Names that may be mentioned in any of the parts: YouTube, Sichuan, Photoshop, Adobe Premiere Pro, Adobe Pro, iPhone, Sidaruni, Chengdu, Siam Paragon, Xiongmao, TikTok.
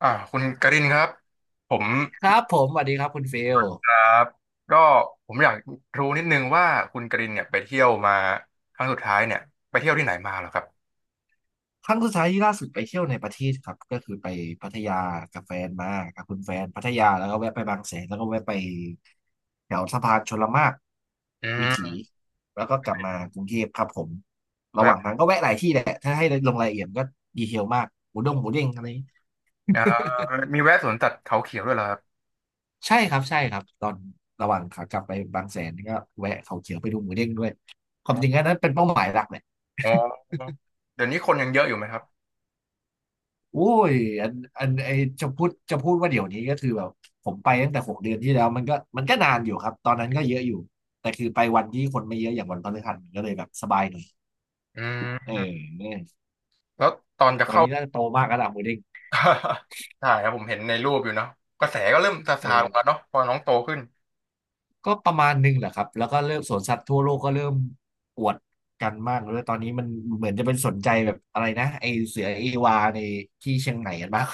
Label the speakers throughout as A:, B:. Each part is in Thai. A: อ่าคุณการินครับผม
B: ครับผมสวัสดีครับคุณฟิล
A: ครับก็ผมอยากรู้นิดนึงว่าคุณการินเนี่ยไปเที่ยวมาครั้งสุดท้ายเนี่ยไปเที่ยวที่ไหนมาเหรอครับ
B: ครั้งสุดท้ายที่ล่าสุดไปเที่ยวในประเทศครับก็คือไปพัทยากับแฟนมากับคุณแฟนพัทยาแล้วก็แวะไปบางแสนแล้วก็แวะไปแถวสะพานชลมาก
A: อื
B: วิ
A: ม
B: ถีแล้วก็กลับมากรุงเทพครับผมระห
A: แวะ
B: ว่างทางก็แวะหลายที่แหละถ้าให้ลงรายละเอียดก็ดีเทลมากหมูเด้งอะไร
A: อ่ามีแวะสวนสัตว์เขาเขียวด้วยเหรอครับ
B: ใช่ครับใช่ครับตอนระหว่างขากลับไปบางแสนก็แวะเขาเขียวไปดูหมูเด้งด้วยความจริงอันนั้นเป็นเป้าหมายหลักเลย
A: อ๋อเดี๋ยวนี้คนยังเยอะอยู่ไหมครับ
B: โอ้ยอันอันไอจะพูดว่าเดี๋ยวนี้ก็คือแบบผมไปตั้งแต่6 เดือนที่แล้วมันก็นานอยู่ครับตอนนั้นก็เยอะอยู่แต่คือไปวันที่คนไม่เยอะอย่างวันพฤหัสมันก็เลยแบบสบายหน่อย
A: อื
B: เอ
A: ม
B: อ
A: แล้วตอนจะ
B: ตอน
A: เข้า
B: นี้น่าจะโตมากแล้วล่ะหมูเด้ง
A: ใช่ครับผมเห็นในรูปอยู่เนาะกระแสก็เริ่มซา
B: เอ
A: ซาลงแล้ว
B: อ
A: เนาะพอน้องโตขึ้น
B: ก็ประมาณหนึงแหละครับแล้วก็เริ่มสวนสัตว์ทั่วโลกก็เริ่มอวดกันมากเลยตอนนี้มันเหมือนจะเป็นสนใจแบบอะไรนะไอเสือเอวาในที่เชียงใหม่กันมาก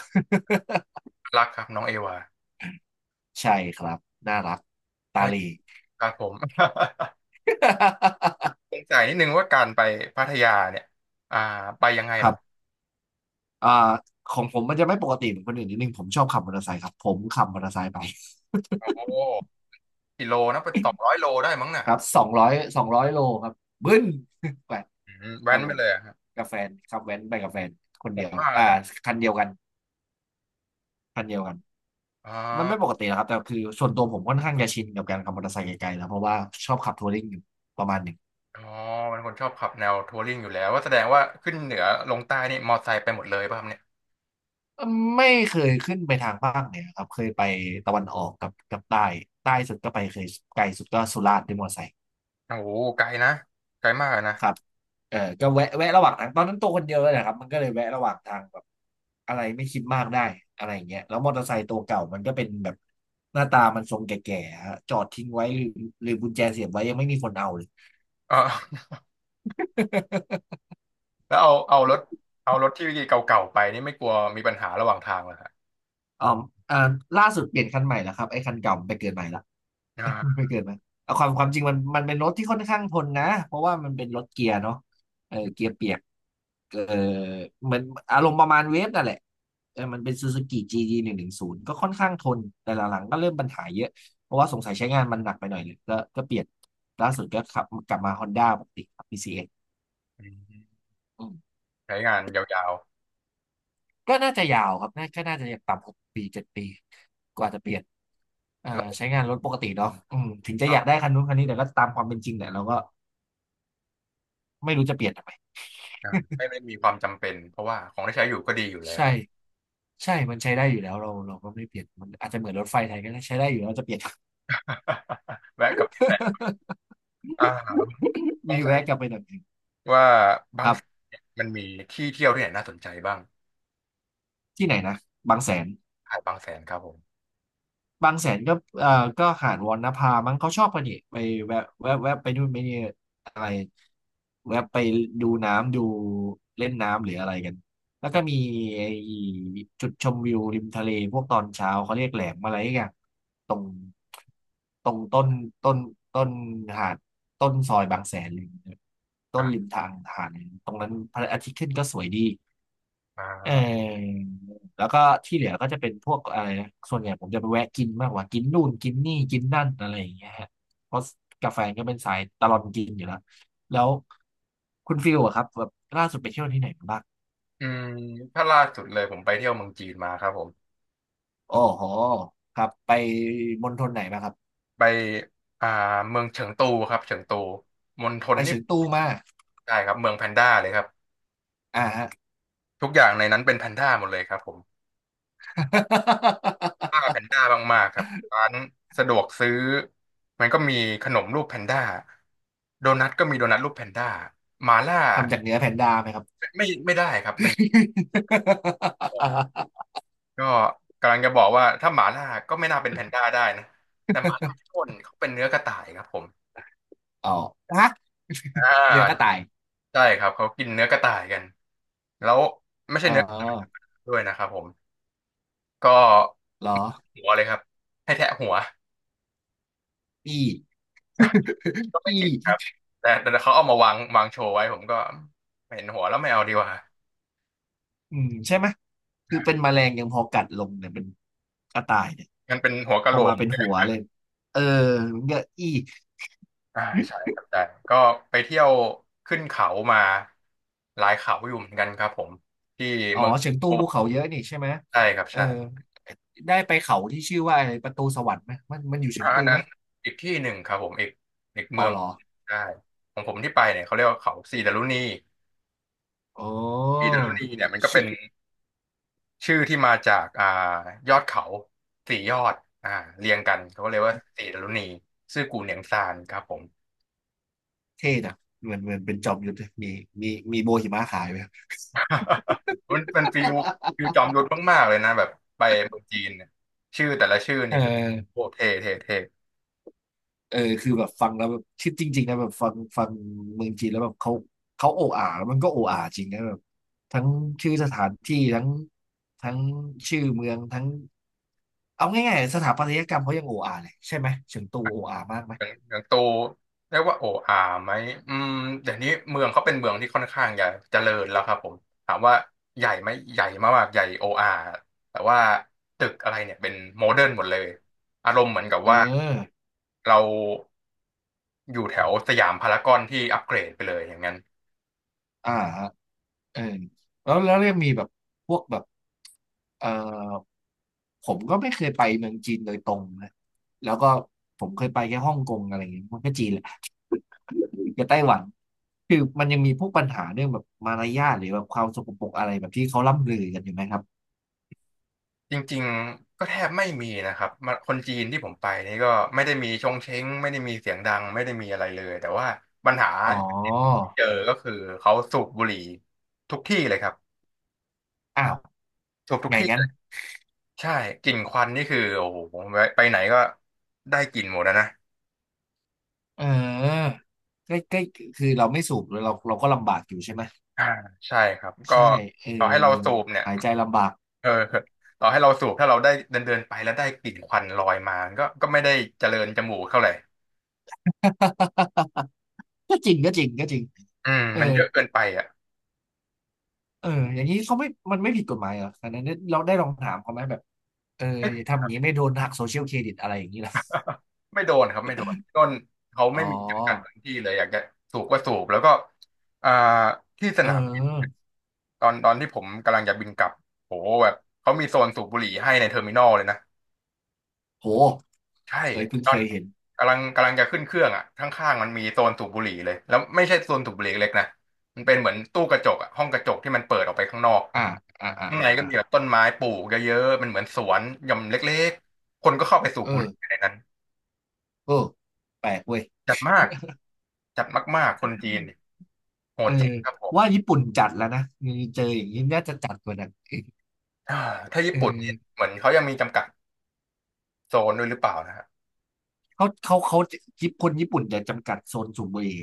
A: รักครับน้องเอวา
B: ใช่ครับน่ารักตา
A: ใช่
B: ลี
A: ครับผม สงสัยนิดนึงว่าการไปพัทยาเนี่ยอ่าไปยังไง
B: ครั
A: ล่ะ
B: บ อ่าของผมมันจะไม่ปกติเหมือนคนอื่นนิดนึงผมชอบขับมอเตอร์ไซค์ครับผมขับมอเตอร์ไซค์ไป
A: โอ้โหกิโลนะเป็น200 โลได้มั้งน่ะ
B: ครับสองร้อยโลครับบึ้น ไป
A: อืม
B: ค
A: แว้
B: รับ
A: น
B: ผ
A: ไป
B: ม
A: เลยอะฮะ
B: กับแฟนขับแว้นไปกับแฟนคน
A: โห
B: เดีย
A: ด
B: ว
A: มาก
B: อ่า
A: อะนะ
B: คันเดียวกันคันเดียวกัน
A: อ๋อ
B: มันไม่ปกตินะครับแต่คือส่วนตัวผมค่อนข้างจะชินกับการขับมอเตอร์ไซค์ไกลๆแล้วเพราะว่าชอบขับทัวริงอยู่ประมาณหนึ่ง
A: อ๋อเป็นคนชอบขับแนวทัวริงอยู่แล้วว่าแสดงว่าขึ้นเหนือลงใต้นี่มอไซค์ไปหมดเลยป่ะครับเนี่ย
B: ไม่เคยขึ้นไปทางภาคเหนือครับเคยไปตะวันออกกับใต้ใต้สุดก็ไปเคยไกลสุดก็สุราษฎร์ด้วยมอเตอร์ไซค์
A: โอ้โหไกลนะไกลมากอะนะ
B: ครับ เออก็แวะระหว่างทางตอนนั้นตัวคนเยอะนะครับมันก็เลยแวะระหว่างทางแบบอะไรไม่คิดมากได้อะไรอย่างเงี้ยแล้วมอเตอร์ไซค์ตัวเก่ามันก็เป็นแบบหน้าตามันทรงแก่ๆฮะจอดทิ้งไว้หรือกุญแจเสียบไว้ยังไม่มีคนเอาเลย
A: เออ แล้วเอารถเอารถที่เก่าๆไปนี่ไม่กลัวมีปัญหาระหว่างทางเหรอฮะ
B: อ๋ออ่าล่าสุดเปลี่ยนคันใหม่แล้วครับไอ้คันเก่ามันไปเกิดใหม่ละ
A: อ่า
B: ไม่เกินนะเอาความจริงมันเป็นรถที่ค่อนข้างทนนะเพราะว่ามันเป็นรถเกียร์เนาะเออเกียร์เปียกเออเหมือนอารมณ์ประมาณเวฟนั่นแหละเออมันเป็นซูซูกิ g ีดีหนึ่งหนึ่งศูนย์ก็ค่อนข้างทนแต่หลังๆก็เริ่มปัญหาเยอะเพราะว่าสงสัยใช้งานมันหนักไปหน่อยเลยก็เปลี่ยนล่าสุดก็ขับกลับมาฮอนด้าปกติครับ PCX อกซ์
A: อืม
B: อืม
A: ใช้งานยาว
B: ก็น่าจะยาวครับน่าจะอย่างต่ำ6 ปี 7 ปีกว่าจะเปลี่ยน
A: ๆ
B: อ่า
A: แล้ว
B: ใช้งานรถปกติเนาะอืมถึงจะ
A: ค
B: อ
A: รั
B: ยาก
A: บ
B: ได้คันนู้นคันนี้แต่ก็ตามความเป็นจริงแหละเราก็ ไม่รู้จะเปลี่ยนทำไม
A: อ่าไม่ได้มีความจำเป็นเพราะว่าของที่ใช้อยู่ก็ดีอยู่แล้ว
B: ใช่ใช่มันใช้ได้อยู่แล้วเราก็ไม่เปลี่ยนมันอาจจะเหมือนรถไฟไทยก็ได้ใช้ได้อยู่แล้วจะเปลี่ยน
A: แวะกลับไปแตะอ่า ส
B: มี
A: งสัย
B: แวะกลับไปหน่อยหนึ่ง
A: ว่าบา
B: ค
A: ง
B: รับ
A: แสนเนี่ยมันมีที่เที่ยวที่ไหนน่าสนใจบ้าง
B: ที่ไหนนะบางแสน
A: หาดบางแสนครับผม
B: บางแสนก็เอ่อก็หาดวรรณภามั้งเขาชอบกันนี่ไปแวะแวะไปนู่นไปนี่อะไรแวะไปดูน้ำดูเล่นน้ำหรืออะไรกันแล้วก็มี
A: อ่า
B: ไอ้จุดชมวิวริมทะเลพวกตอนเช้าเขาเรียกแหลมอะไรอย่างตรงตรงต้นต้นหาดต้นซอยบางแสนเลยต้นริมทางหาดเลยตรงนั้นพระอาทิตย์ขึ้นก็สวยดี
A: อ่
B: เอ
A: า
B: อแล้วก็ที่เหลือก็จะเป็นพวกอะไรนะส่วนใหญ่ผมจะไปแวะกินมากกว่ากินนู่นกินนี่กินนั่นอะไรอย่างเงี้ยฮะเพราะกาแฟนก็เป็นสายตลอดกินอยู่แล้วแล้วคุณฟิลอะครับแบบล่าสุดไปเที่ยวที่ไหนมาบ้าง
A: อืมถ้าล่าสุดเลยผมไปเที่ยวเมืองจีนมาครับผม
B: โอ้โหครับไปมณฑลไหนมาครับ
A: ไปอ่าเมืองเฉิงตูครับเฉิงตูมณฑล
B: ไป
A: นี่
B: เฉิงตูมา
A: ใช่ครับเมืองแพนด้าเลยครับ
B: อ่าฮะ
A: ทุกอย่างในนั้นเป็นแพนด้าหมดเลยครับผมป้าแพ นด้ามากๆครับร้านสะดวกซื้อมันก็มีขนมรูปแพนด้าโดนัทก็มีโดนัทรูปแพนด้าหมาล่า
B: ทำจากเนื้อแพนด้าไหมครับ
A: ไม่ได้ครับเป็น ก็กำลังจะบอกว่าถ้าหมาล่าก็ไม่น่าเป็นแพนด้าได้นะแต่หมาล่าที่พ่นเขาเป็นเนื้อกระต่ายครับผม
B: อ๋อฮะ
A: อ่
B: เนื้อกระต่า
A: า
B: ย
A: ใช่ครับเขากินเนื้อกระต่ายกันแล้วไม่ใช่
B: อ๋อ
A: เนื้อกระต่ายด้วยนะครับผมก็
B: เหรอ
A: หัวเลยครับให้แทะหัว
B: อี
A: ก็ไม่
B: ที
A: จิบครั
B: ่
A: บแต่เขาเอามาวางโชว์ไว้ผมก็เห็นหัวแล้วไม่เอาดีกว่า
B: อืมใช่ไหม คือเป็นแมลงยังพอกัดลงเนี่ยเป็นกระต่ายเนี่ย
A: มันเป็นหัว
B: พ
A: กะโห
B: อ
A: ล
B: กมา
A: ก
B: เป็นหัวเลยเออเยอะอี
A: ใช่ครับแต่ก็ไปเที่ยวขึ้นเขามาหลายเขาอยู่เหมือนกันครับผมที่
B: อ๋อ
A: เมือง
B: เฉิงตูภูเขาเยอะนี่ใช่ไหม
A: ใช่ครับ
B: เออ
A: ใช่
B: ได้ไปเขาที่ชื่อว่าอะไรประตูสวรรค์ไหมมันอยู่เฉิ
A: อ่า
B: งตู
A: อันนั้
B: ไหม
A: นอีกที่หนึ่งครับผมอีกอีก
B: อ๋อ
A: เมือง
B: เหรอ
A: ใช่ของผมที่ไปเนี่ยเขาเรียกว่าเขาสีดารุณี
B: อ๋อ
A: สีดารุณีเนี่ยมันก็เป็
B: ชื่
A: น
B: อ
A: ชื่อที่มาจากยอดเขา4 ยอดอ่าเรียงกันเขาก็เรียกว่าสีดารุณีซื่อกูเหนียงซานครับผม
B: เท่นะเหมือนเป็นจอมยุทธเลยมีมีโบหิมะขายไหม
A: มันเป็นฟิวฟิวจอมยุทธมากๆเลยนะแบบไปเมืองจีนเนี่ยชื่อแต่ละชื่อ
B: เอ
A: นี่คือโค
B: อ
A: ตรเท่เท่เท่
B: เออคือแบบฟังแล้วแบบชื่อจริงๆนะแบบฟังเมืองจีนแล้วแบบเขาโอ้อาแล้วมันก็โอ้อาจริงนะแบบทั้งชื่อสถานที่ทั้งชื่อเมืองทั้งเอาง่ายๆสถาปัตยกรรมเขายังโอ้อาเลยใช่ไหมเฉิงตูโอ้อามากไหม
A: อย่างอย่างโตเรียกว่าโออาไหมอืมเดี๋ยวนี้เมืองเขาเป็นเมืองที่ค่อนข้างใหญ่เจริญแล้วครับผมถามว่าใหญ่ไหมใหญ่มากๆใหญ่โออาแต่ว่าตึกอะไรเนี่ยเป็นโมเดิร์นหมดเลยอารมณ์เหมือนกับ
B: เอ
A: ว่า
B: อ
A: เราอยู่แถวสยามพารากอนที่อัปเกรดไปเลยอย่างนั้น
B: อ่าฮะเออแล้วยังมีแบบพวกแบบเออผมก็ไม่เคยไปเมืองจีนโดยตรงนะแล้วก็ผมเคยไปแค่ฮ่องกงอะไรอย่างเงี้ยมันก็จีนแหละ กับไต้หวัน คือมันยังมีพวกปัญหาเรื่องแบบมารยาทหรือแบบความสกปรกอะไรแบบที่เขาล่ำลือกันอยู่ไหมครับ
A: จริงๆก็แทบไม่มีนะครับมาคนจีนที่ผมไปนี่ก็ไม่ได้มีชงเช้งไม่ได้มีเสียงดังไม่ได้มีอะไรเลยแต่ว่าปัญหา
B: อ๋อ
A: เจอก็คือเขาสูบบุหรี่ทุกที่เลยครับ
B: อ้าว
A: จบทุก
B: ไง
A: ที่
B: งั้
A: เล
B: น
A: ยใช่กลิ่นควันนี่คือโอ้โหไปไหนก็ได้กลิ่นหมดนะนะ
B: เออใกล้ใกล้คือเราไม่สูบเราก็ลำบากอยู่ใช่ไหม
A: อ่าใช่ครับก็
B: ใช่เออ
A: ต่อให้เราสูบเนี่ย
B: หายใจลำบาก
A: เออต่อให้เราสูบถ้าเราได้เดินเดินไปแล้วได้กลิ่นควันลอยมาก็ก็ไม่ได้เจริญจมูกเท่าไหร่
B: ก็จริงก็จริงก็จริง
A: อืม
B: เออ
A: มันเยอะเกินไปอ่ะ
B: เอออย่างนี้เขาไม่ มันไม่ผิดกฎหมายเหรออันนั้นเราได้ลองถามเขาไหมแบบ เออ
A: ไม่
B: อย่า
A: ผิด
B: ทำ
A: ค
B: อย่า
A: รั
B: ง
A: บ
B: นี้ไม่โดนหักโซเชียลเครดิตอะไรอย่างนี้ล่ะ
A: ไม่โดนครับไม่โดนต้นเขา
B: อ๋อ
A: ไม่มีจำกัดพื้นที่เลยอยากจะสูบก็สูบแล้วก็อ่าที่ส
B: เ
A: นามบิน
B: ออ
A: ตอนที่ผมกำลังจะบินกลับโหแบบเขามีโซนสูบบุหรี่ให้ในเทอร์มินอลเลยนะ
B: โห
A: ใช่
B: เอ้ยเพิ่ง
A: ตอ
B: เค
A: น
B: ยเห็น
A: กำลังจะขึ้นเครื่องอ่ะข้างๆมันมีโซนสูบบุหรี่เลยแล้วไม่ใช่โซนสูบบุหรี่เล็กนะมันเป็นเหมือนตู้กระจกอ่ะห้องกระจกที่มันเปิดออกไปข้างนอก
B: อ่าอ่าอ่า
A: ข้างในก็
B: อ่า
A: มีแบบต้นไม้ปลูกเยอะๆมันเหมือนสวนหย่อมเล็กๆคนก็เข้าไปสูบ
B: เอ
A: บุห
B: อ
A: รี่ในนั้น
B: เออแปลกเว้ย
A: จัดมากจัดมากๆคนจีนโห
B: เออ
A: ดจริงครับผม
B: ว่าญี่ปุ่นจัดแล้วนะเจออย่างนี้น่าจะจัดกว่านั้นอีก
A: อ่าถ้าญี่
B: เอ
A: ปุ่นเนี่ย
B: อ
A: เหมือนเขายังมีจำกัดโซนด้วยหรือเปล่านะฮะ
B: เขาญี่ปุ่นคนญี่ปุ่นจะจำกัดโซนสูบบุหรี่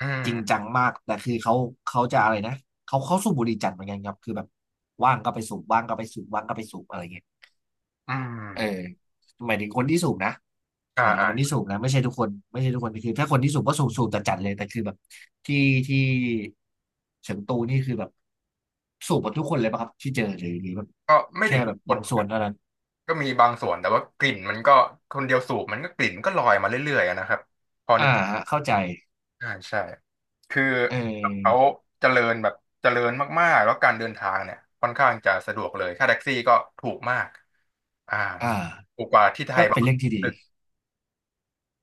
A: อื
B: จริง
A: ม
B: จังมากแต่คือเขาเขาจะอะไรนะเขาสูบบุหรี่จัดเหมือนกันครับคือแบบว่างก็ไปสูบว่างก็ไปสูบว่างก็ไปสูบอะไรเงี้ย
A: อื
B: เออ
A: ม
B: หมายถึงคนที่สูบนะห
A: อ่า
B: มายถึง
A: อ่า
B: คนที่สูบนะไม่ใช่ทุกคนไม่ใช่ทุกคนคือถ้าคนที่สูบก็สูบสูบแต่จัดเลยแต่คือแบบที่ที่เฉิงตูนี่คือแบบสูบหมดทุกคนเลยป่ะครับที่เจอหรือหรือแบบ
A: ก็ไม่ถึ
B: แค่
A: ง
B: แบ
A: ทุก
B: บ
A: คน
B: บางส่วนเท่านั้น
A: ก็มีบางส่วนแต่ว่ากลิ่นมันก็คนเดียวสูบมันก็กลิ่นก็ลอยมาเรื่อยๆอะนะครับ
B: อ่าฮะเข้าใจ
A: ใช่ใช่คือ
B: เ
A: เขา
B: ออ
A: เจริญแบบเจริญมากๆแล้วการเดินทางเนี่ยค่อนข้างจะสะดวกเลยค่าแท็กซี่ก็ถูกมากอ่า
B: อ่า
A: ถูกกว่าที่ไท
B: ก็
A: ยป
B: เป็
A: ระ
B: น
A: มาณ
B: เรื่องที่
A: ห
B: ดี
A: นึ่ง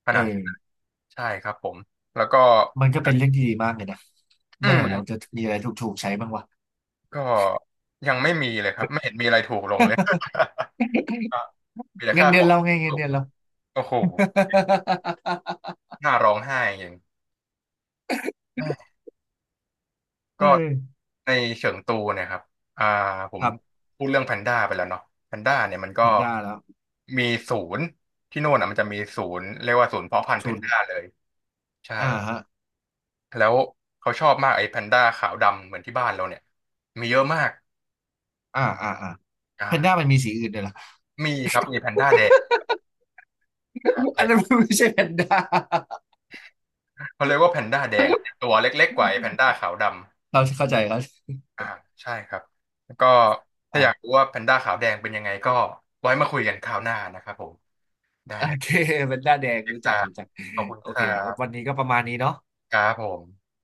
A: ข
B: เอ
A: นาดนั้น
B: อ
A: ใช่ครับผมแล้วก็
B: มันก็เป็นเรื่องที่ดีมากเลยนะ
A: อื
B: เมื่อไหร่เรา
A: ม
B: จะมีอะไรถูกๆใช้บ้างวะ
A: ก็ยังไม่มีเลยครับไม่เห็นมีอะไรถูกลงเลย มี แต่
B: เงิ
A: ค่า
B: นเดื
A: ข
B: อ
A: อ
B: น
A: ง
B: เราไงเงิน
A: ถูก
B: เดือนเรา
A: โอ้โหน่าร้องไห้จริง
B: เ
A: ก็
B: ออ
A: ในเฉิงตูเนี่ยครับอ่าผ
B: ค
A: ม
B: รับ
A: พูดเรื่องแพนด้าไปแล้วเนาะแพนด้าเนี่ยมันก็
B: เห็นได้แล้ว
A: มีศูนย์ที่โน่นอ่ะมันจะมีศูนย์เรียกว่าศูนย์เพาะพันธุ์แพ
B: ศู
A: น
B: นย์
A: ด้าเลยใช่
B: อ่าฮะ
A: แล้วเขาชอบมากไอ้แพนด้าขาวดำเหมือนที่บ้านเราเนี่ยมีเยอะมาก
B: อ่าอ่าอ่าแพนด้ามั
A: อ่า
B: นมีสีอื่นด้วยเหรอ
A: มีครับมีแพนด้าแดงใช
B: อันนั้น
A: ่
B: มันไม่ใช่แพนด้า
A: เขาเรียกว่าแพนด้าแดงตัวเล็กๆกว่าไอ้แพนด้าขาวดำ
B: เราเข้าใจเขา
A: อ่าใช่ครับแล้วก็ถ้าอยาก
B: อ่า
A: รู้ว่าแพนด้าขาวแดงเป็นยังไงก็ไว้มาคุยกันคราวหน้านะครับผมได้
B: โอเคแพนด้าแดง
A: เอกซ์
B: รู้
A: ค
B: จั
A: รั
B: ก
A: บ
B: รู้จัก
A: ขอบคุณ
B: โอ
A: ค
B: เค
A: รั
B: ก็วัน
A: บ
B: นี้ก็ประมาณนี้เนาะ
A: ครับผม